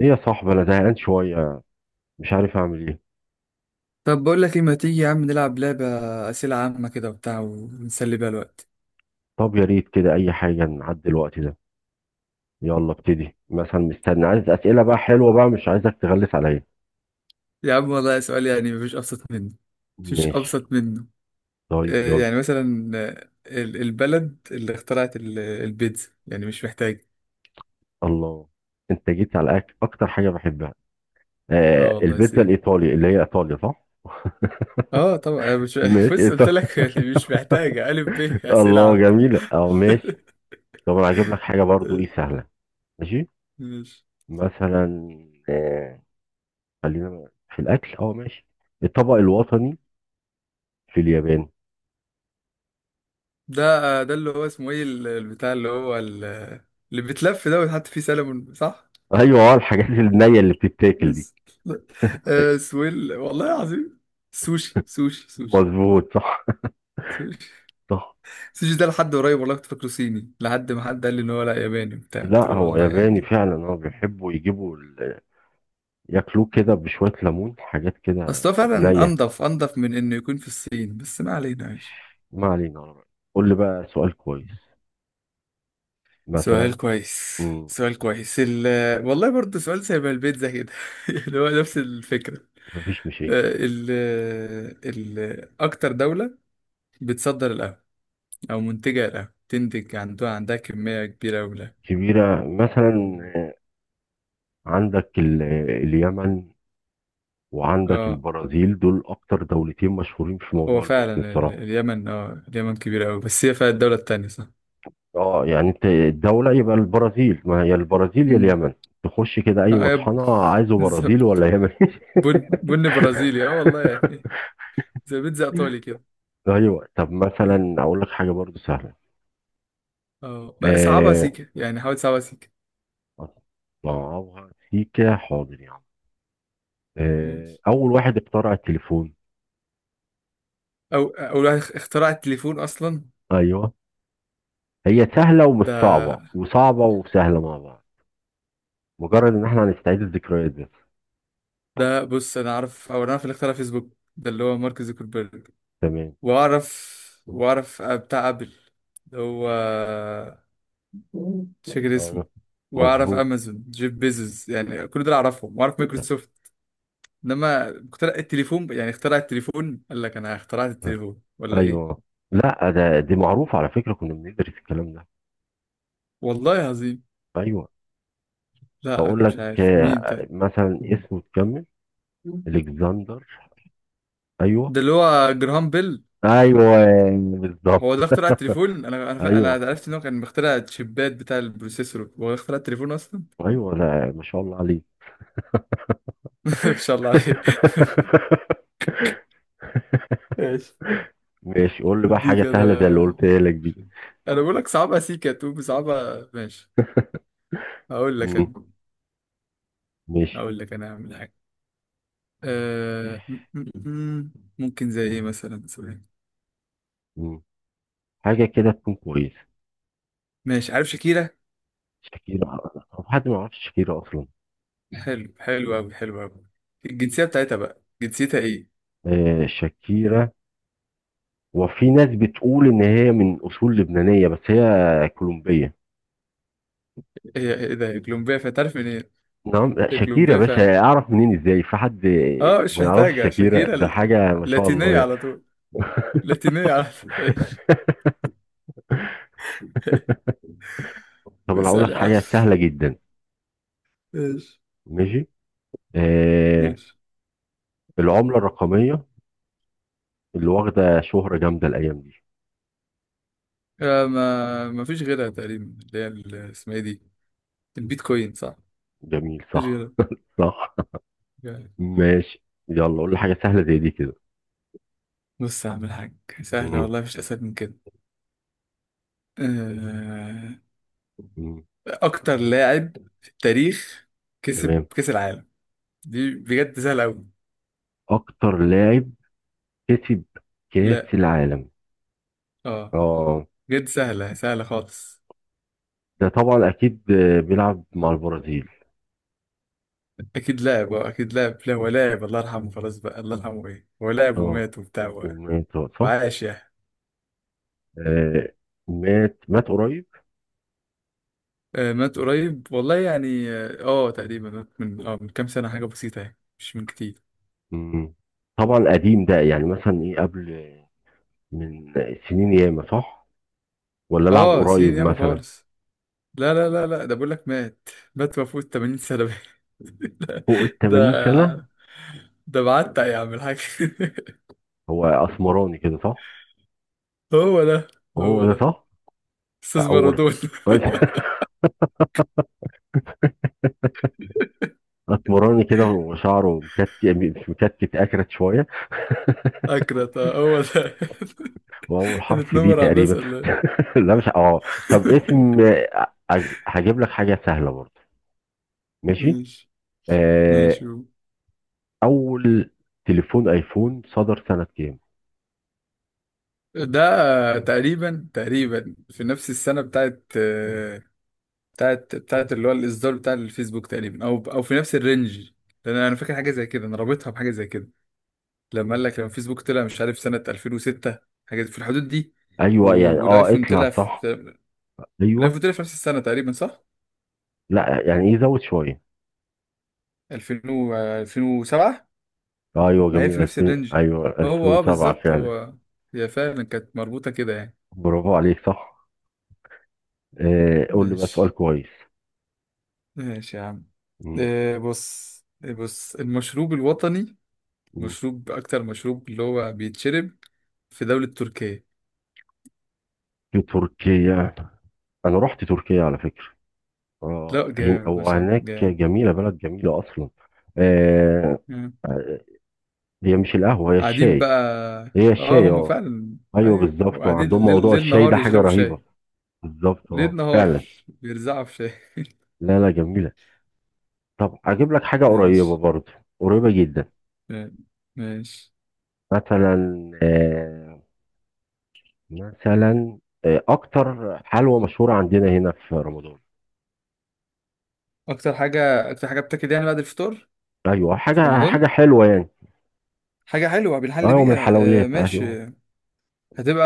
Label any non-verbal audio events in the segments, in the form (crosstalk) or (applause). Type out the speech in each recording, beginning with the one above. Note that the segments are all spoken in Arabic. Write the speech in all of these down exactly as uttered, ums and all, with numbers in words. ايه يا صاحبي، انا زهقان شويه. مش عارف اعمل ايه. طب بقول لك ايه، ما تيجي يا عم نلعب لعبة أسئلة عامة كده وبتاع ونسلي بيها الوقت؟ طب يا ريت كده، اي حاجه نعدي الوقت ده. يلا ابتدي مثلا، مستني. عايز اسئله بقى حلوه بقى، مش عايزك تغلس عليا. يا عم والله سؤال، يعني مفيش أبسط منه. مفيش ماشي. أبسط منه. طيب آه، يلا. يعني مثلا، آه، ال- البلد اللي اخترعت ال- البيتزا، يعني مش محتاج. الله، انت جيت على أك... اكتر حاجه بحبها. اه آه، والله البيتزا سيب. الايطالي اللي هي ايطاليا، صح؟ اه طبعا أنا مش (laughs) ماشي، بص، قلت ايطالي. لك يعني مش محتاجة ألف ب. (laughs) أسئلة الله عامة. جميله، اه ماشي. طب انا هجيب لك حاجه برضو ايه سهله. ماشي. (laughs) ماشي. مثلا، آه خلينا في الاكل. اه ماشي، الطبق الوطني في اليابان. ده آه، ده اللي هو اسمه ايه ال- البتاع اللي هو ال- اللي بيتلف ده ويتحط فيه سلمون صح؟ ايوه، اه الحاجات النية اللي بتتاكل دي. بس آه سويل والله العظيم. سوشي، سوشي، سوشي. مظبوط، صح. سوشي. (laughs) صح. سوشي ده لحد قريب والله كنت فاكره صيني، لحد ما حد قال لي ان هو لا، ياباني وبتاع، قلت لا، له هو والله ياباني يعني. فعلا. هو بيحبوا يجيبوا ال- ياكلوه كده بشوية ليمون، حاجات اصل هو كده فعلا نية. انضف انضف من انه يكون في الصين، بس ما علينا ماشي. ما علينا، على رأيك. قول لي بقى سؤال كويس، سؤال مثلا. كويس، مم. سؤال كويس، ال والله برضه سؤال شبه البيتزا كده، (laughs) اللي هو نفس الفكرة. مفيش مشاكل. آه، ال ال أكتر دولة بتصدر القهوة أو منتجة القهوة، تنتج عندها عندها كمية كبيرة أوي من القهوة. كبيرة مثلا، عندك ال- اليمن، وعندك اه البرازيل. دول أكتر دولتين مشهورين في موضوع هو البن فعلا ال- بصراحة. اليمن. اه اليمن كبيرة أوي، بس هي فيها الدولة التانية صح؟ اه يعني انت الدولة يبقى البرازيل. ما هي البرازيل يا مم. اليمن. تخش كده اي اه يا ب- مطحنة، عايزه ز- برازيل ولا يمن. (laughs) بن بن برازيلي اه والله يعني. زي بيتزا إيطالي كده. ايوه. طب اه مثلا اقول لك حاجة برضو سهلة. آه، بقى صعبها آه، سيكة، يعني حاول صعبها سيكة. اطلعوها سيكا، حاضر يا عم. آه، اول واحد اخترع التليفون. أو أول واحد اخ- اخترع التليفون أصلا. ايوه. هي سهلة ومش ده صعبة، وصعبة وسهلة مع بعض. مجرد ان احنا هنستعيد الذكريات بس. ده بص، أنا أعرف، أو أنا أعرف اللي اخترع فيسبوك ده اللي هو مارك زوكربيرج. تمام. وأعرف وأعرف بتاع أبل اللي هو، مش فاكر اسمه. اه واعرف مظبوط. امازون جيف بيزوس، يعني كل دول اعرفهم، واعرف مايكروسوفت. انما اخترع التليفون يعني، اخترع التليفون قال لك انا اخترعت التليفون ولا ايوه. ايه؟ لا ده دي معروفة على فكرة، كنا بندرس الكلام ده. والله عظيم، ايوه. لا انا بقول مش لك، عارف مين آه، طيب. مثلا اسمه تكمل. الكسندر. ايوه. ده اللي هو جراهام بيل. ايوه بالظبط. هو ده اخترع التليفون. انا انا فا- انا ايوه. عرفت ان هو كان مخترع الشيبات بتاع البروسيسور، هو ده اخترع التليفون اصلا. ايوه، لا ما شاء الله عليك. (laughs) ما شاء الله عليه. (laughs) (laughs) ماشي. ماشي. قول لي بقى دي حاجه كده. سهله زي اللي قلت لك دي. انا بقول لك صعبة سيكا، تقول صعبة. ماشي. هقول لك مم. انا. ماشي. هقول لك انا هعمل حاجة. آه م- م- م- ممكن زي ايه مثلا، ثواني. مم. حاجه كده تكون كويسه. ماشي، عارف شاكيرا؟ شاكيرا. طب حد ما يعرفش شاكيرا اصلا؟ حلو، حلو قوي، حلو قوي. الجنسية بتاعتها بقى، جنسيتها ايه؟ آه شاكيرا. وفي ناس بتقول ان هي من اصول لبنانيه، بس هي كولومبيه. هي ايه ده؟ هي كولومبيا فعلا، تعرف منين إيه؟ نعم لا، هي شاكيرا كولومبيا بس فعلا. اعرف منين؟ ازاي في حد اه مش ما يعرفش محتاجة شاكيرا؟ شاكيرا ده ال- حاجه ما شاء الله لاتينية يعني. على طول. لاتينية على طول. (laughs) ماشي. طب انا هقول لك واسأل يا عم. حاجه سهله جدا. ماشي. ماشي. آه، ماشي. العمله الرقميه اللي واخده شهره جامده الايام دي. آه ما ما فيش غيرها تقريبا، اللي هي ال- اسمها ايه دي. البيتكوين صح. جميل مفيش غيرها. صح. صح. يعني. (laughs) ماشي. يلا قول لي حاجه سهله زي دي كده. بص يا عم الحاج. سهلة مم، والله، مفيش أسهل من كده. آه مم، اكتر لاعب في التاريخ كسب تمام. كاس العالم. دي بجد سهله قوي. اكتر لاعب كسب كاس لا. العالم. اه. اه. بجد سهله، سهله خالص. ده طبعا اكيد آه، بيلعب مع البرازيل. اكيد لاعب. اه اكيد لاعب، لا هو لاعب الله يرحمه، خلاص بقى الله يرحمه ايه، هو لاعب اه ومات وبتاع و- ومات، صح. وعاش يعني. آه، مات مات قريب. آه مات قريب والله يعني، اه آه، تقريبا مات من اه من كام سنه، حاجه بسيطه، يعني مش من كتير. مم. طبعا قديم ده، يعني مثلا ايه؟ قبل من سنين ياما، صح؟ ولا لعب اه، سنين قريب ياما مثلا؟ خالص. لا لا لا لا، ده بقول لك مات. مات وفوت ثمانين سنه. فوق ال (laughs) ثمانين سنة. ده. ده بعتق يا عم الحاج. (laughs) هو اسمراني كده، صح؟ هو ده. هو هو ده، ده صح. استاذ اول. بارادون. (laughs) (laughs) اسمراني كده وشعره مكتف، مش مكتف، اكرت شوية. (laughs) اكرت آه، هو ده. واول (laughs) حرف بي هنتنمر على الناس تقريبا. ولا إيه؟ (laughs) لا مش اه. طب (laughs) اسم، آه، هج- هجيب لك حاجة سهلة برضه. ماشي. ماشي. ماشي آه. هو. اول تليفون ايفون صدر سنة كام؟ ده تقريبا، تقريبا في نفس السنة بتاعت آه، بتاعت بتاعت اللي هو الإصدار بتاع الفيسبوك، تقريبا أو أو في نفس الرينج. لأن أنا فاكر حاجة زي كده، أنا رابطها بحاجة زي كده. لما قال لك، لما الفيسبوك طلع، مش عارف سنة ألفين وستة، حاجة في الحدود دي. ايوه يعني، و- اه والآيفون اطلع طلع صح. في. ايوه، الآيفون طلع في نفس السنة تقريبا صح؟ لا يعني يزود شوية. ألفين و- ألفين وسبعة. ايوه ما هي جميل، في نفس ألفين، الرينج. ايوه هو اه ألفين وسبعة بالظبط فعلا. هو. هي فعلا كانت مربوطة كده يعني. برافو عليك، صح. آه، قول لي بقى سؤال ماشي. كويس. ماشي يا عم. مم. إيه بص. إيه بص، المشروب الوطني. مم. مشروب، أكتر مشروب اللي هو بيتشرب في دولة تركيا. في تركيا. انا رحت تركيا على فكرة. لا اه هن- جامد ما شاء الله وهناك جامد. جميلة، بلد جميلة اصلا. آه. مم. هي مش القهوة، هي قاعدين بقى. الشاي. هي اه، الشاي، هم اه. فعلا. ايوه ايوه، بالظبط، وقاعدين وعندهم ليل موضوع ليل الشاي ده نهار حاجة يشربوا رهيبة. شاي. بالظبط ليل اه، نهار. فعلا. بيرزعوا في شاي. لا لا، جميلة. طب اجيب لك حاجة (laughs) قريبة ماشي. برضه، قريبة جدا. ماشي. مثلا، آه، مثلا، آه، اكتر حلوى مشهوره عندنا هنا في رمضان. أكتر حاجة، أكتر حاجة بتاكل يعني بعد الفطار ايوه، في حاجه حاجه رمضان. حلوه يعني. حاجة حلوة بنحل ايوه، من بيها. آه الحلويات، ايوه. ماشي. هتبقى.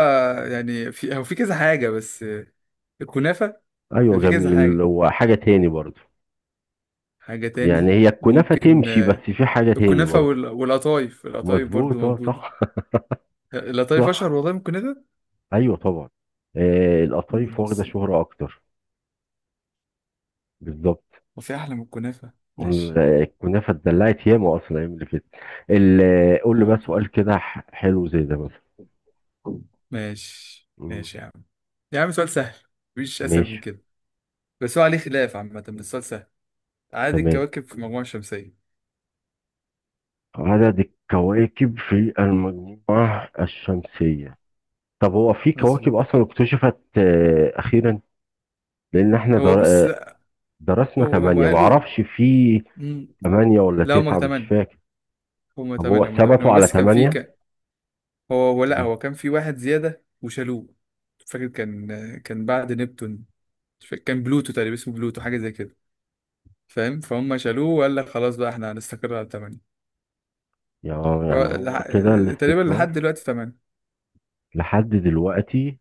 يعني في، هو في كذا حاجة بس، آه، الكنافة. ايوه في كذا جميل. حاجة. وحاجه تاني برضو؟ حاجة يعني تاني هي الكنافه ممكن، تمشي، بس آه، في حاجه تاني الكنافة برضو. وال- والقطايف، القطايف برضو مظبوط اه، موجودة. صح. آه، (laughs) القطايف صح. أشهر والله من الكنافة. ايوه طبعا. آه، مم، القطايف واخده بس شهره اكتر. بالظبط. هو في أحلى من الكنافة، ال- ماشي. الكنافه اتدلعت ياما اصلا الايام اللي فاتت. ال- قول لي اه بقى طبعا. سؤال كده ح- حلو زي ده مثلا. ماشي. مم، ماشي يا عم. يا عم سؤال سهل. مفيش أسهل ماشي. من كده. بس هو عليه خلاف عامة، بس السؤال سهل. عدد تمام، الكواكب في المجموعة الشمسية. عدد الكواكب في المجموعة الشمسية. طب هو في كواكب مظبوط. أصلا اكتشفت آه، أخيرا؟ لأن احنا هو در... بص، آه، لا، درسنا هو هم ثمانية، قالوا. معرفش. في ثمانية ولا لا، هما تسعة؟ مش تمانية. فاكر. هما طب هو تمانية، هما تمانية. ثبتوا هو على بس كان في ثمانية؟ كان هو هو، لا مم. هو كان في واحد زيادة وشالوه. مش فاكر كان. كان بعد نبتون. مش فاكر، كان بلوتو، تقريبا اسمه بلوتو حاجة زي كده. فاهم؟ فهم شالوه وقال لك خلاص بقى احنا هنستقر على تمانية. يا- هو يعني هو لح... كده تقريبا لحد الاستقرار دلوقتي تمانية. لحد دلوقتي،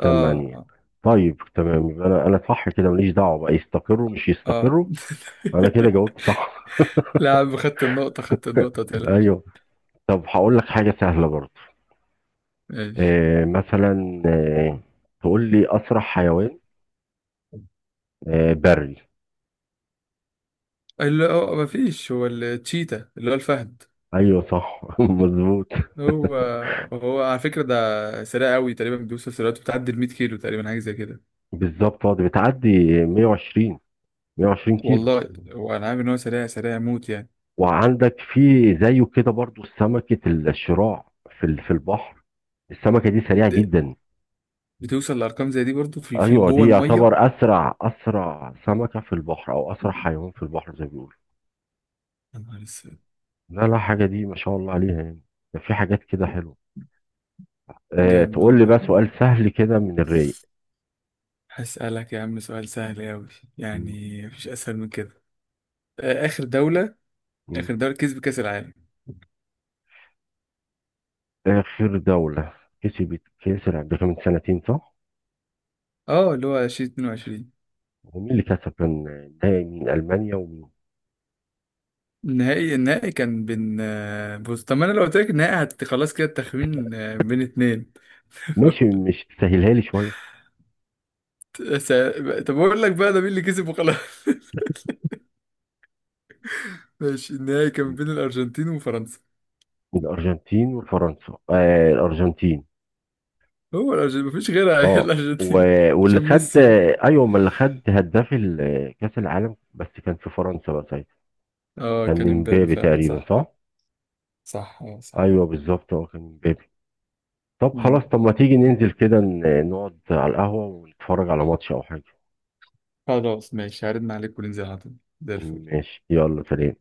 اه ثمانية. اه. طيب تمام، يبقى أنا أنا صح كده. ماليش دعوة بقى يستقروا مش اه. يستقروا، أنا كده جاوبت (laughs) صح. لا يا عم، خدت النقطة، خدت النقطة (laughs) متقلقش. أيوه. طب هقول لك حاجة سهلة برضه. ماشي. آه، مثلا، آه، تقول لي أسرع حيوان، آه، بري. اللي هو مفيش، هو التشيتا اللي هو الفهد. أيوه صح. (laughs) مظبوط. هو. هو على فكرة ده سريع قوي، تقريبا بيوصل سرعته، بتعدي ال مية كيلو تقريبا، حاجة زي كده. بالظبط اه، دي بتعدي مية وعشرين. مية وعشرين كيلو. والله هو انا عارف ان هو سريع، سريع موت يعني. وعندك في زيه كده برضو سمكة الشراع في ال- في البحر. السمكة دي سريعة د- جدا. بتوصل لأرقام زي دي برضه، في في ايوه جوه دي المية. يعتبر اسرع اسرع سمكة في البحر، او اسرع حيوان في البحر زي ما بيقولوا. يا نهار اسود. لا لا، حاجة دي ما شاء الله عليها يعني. ده في حاجات كده حلوة. أه، جامد تقول لي والله. بقى سؤال سهل كده من الرايق. هسألك يا عم سؤال سهل قوي. يعني مفيش أسهل من كده. آه، آخر دولة. مم. آخر دولة كسب كأس العالم. آخر دولة كسبت كأس العالم، ده كان من سنتين صح؟ اه اللي هو ألفين واتنين وعشرين. ومين اللي كسب؟ كان النهائي مين، ألمانيا ومين؟ النهائي، النهائي كان بين، آه، بص طب ما انا لو قلت لك النهائي هت- خلاص كده التخمين، آه، بين اتنين. ماشي، (laughs) مش تسهلها لي شوية؟ س... طب اقول لك بقى ده مين اللي كسب وخلاص. (laughs) ماشي، النهائي كان بين الارجنتين وفرنسا. من الأرجنتين وفرنسا؟ آه، الأرجنتين. هو الارجنتين مفيش غيرها، هي اه و... الارجنتين. (laughs) واللي عشان خد، ميسي. أيوه، ما اللي خد هداف ال- كأس العالم بس كان في فرنسا بقى ساعتها. اه كان كان امبابي امبابي فعلا تقريبا، صح. صح؟ صح اه صح. أيوه بالظبط، اه كان امبابي. طب خلاص، مم. طب ما تيجي آه. ننزل كده ن- نقعد على القهوة ونتفرج على ماتش أو حاجة. خلاص ماشي، هرن عليك وننزل على طول. زي الفل. ماشي، يلا سلام.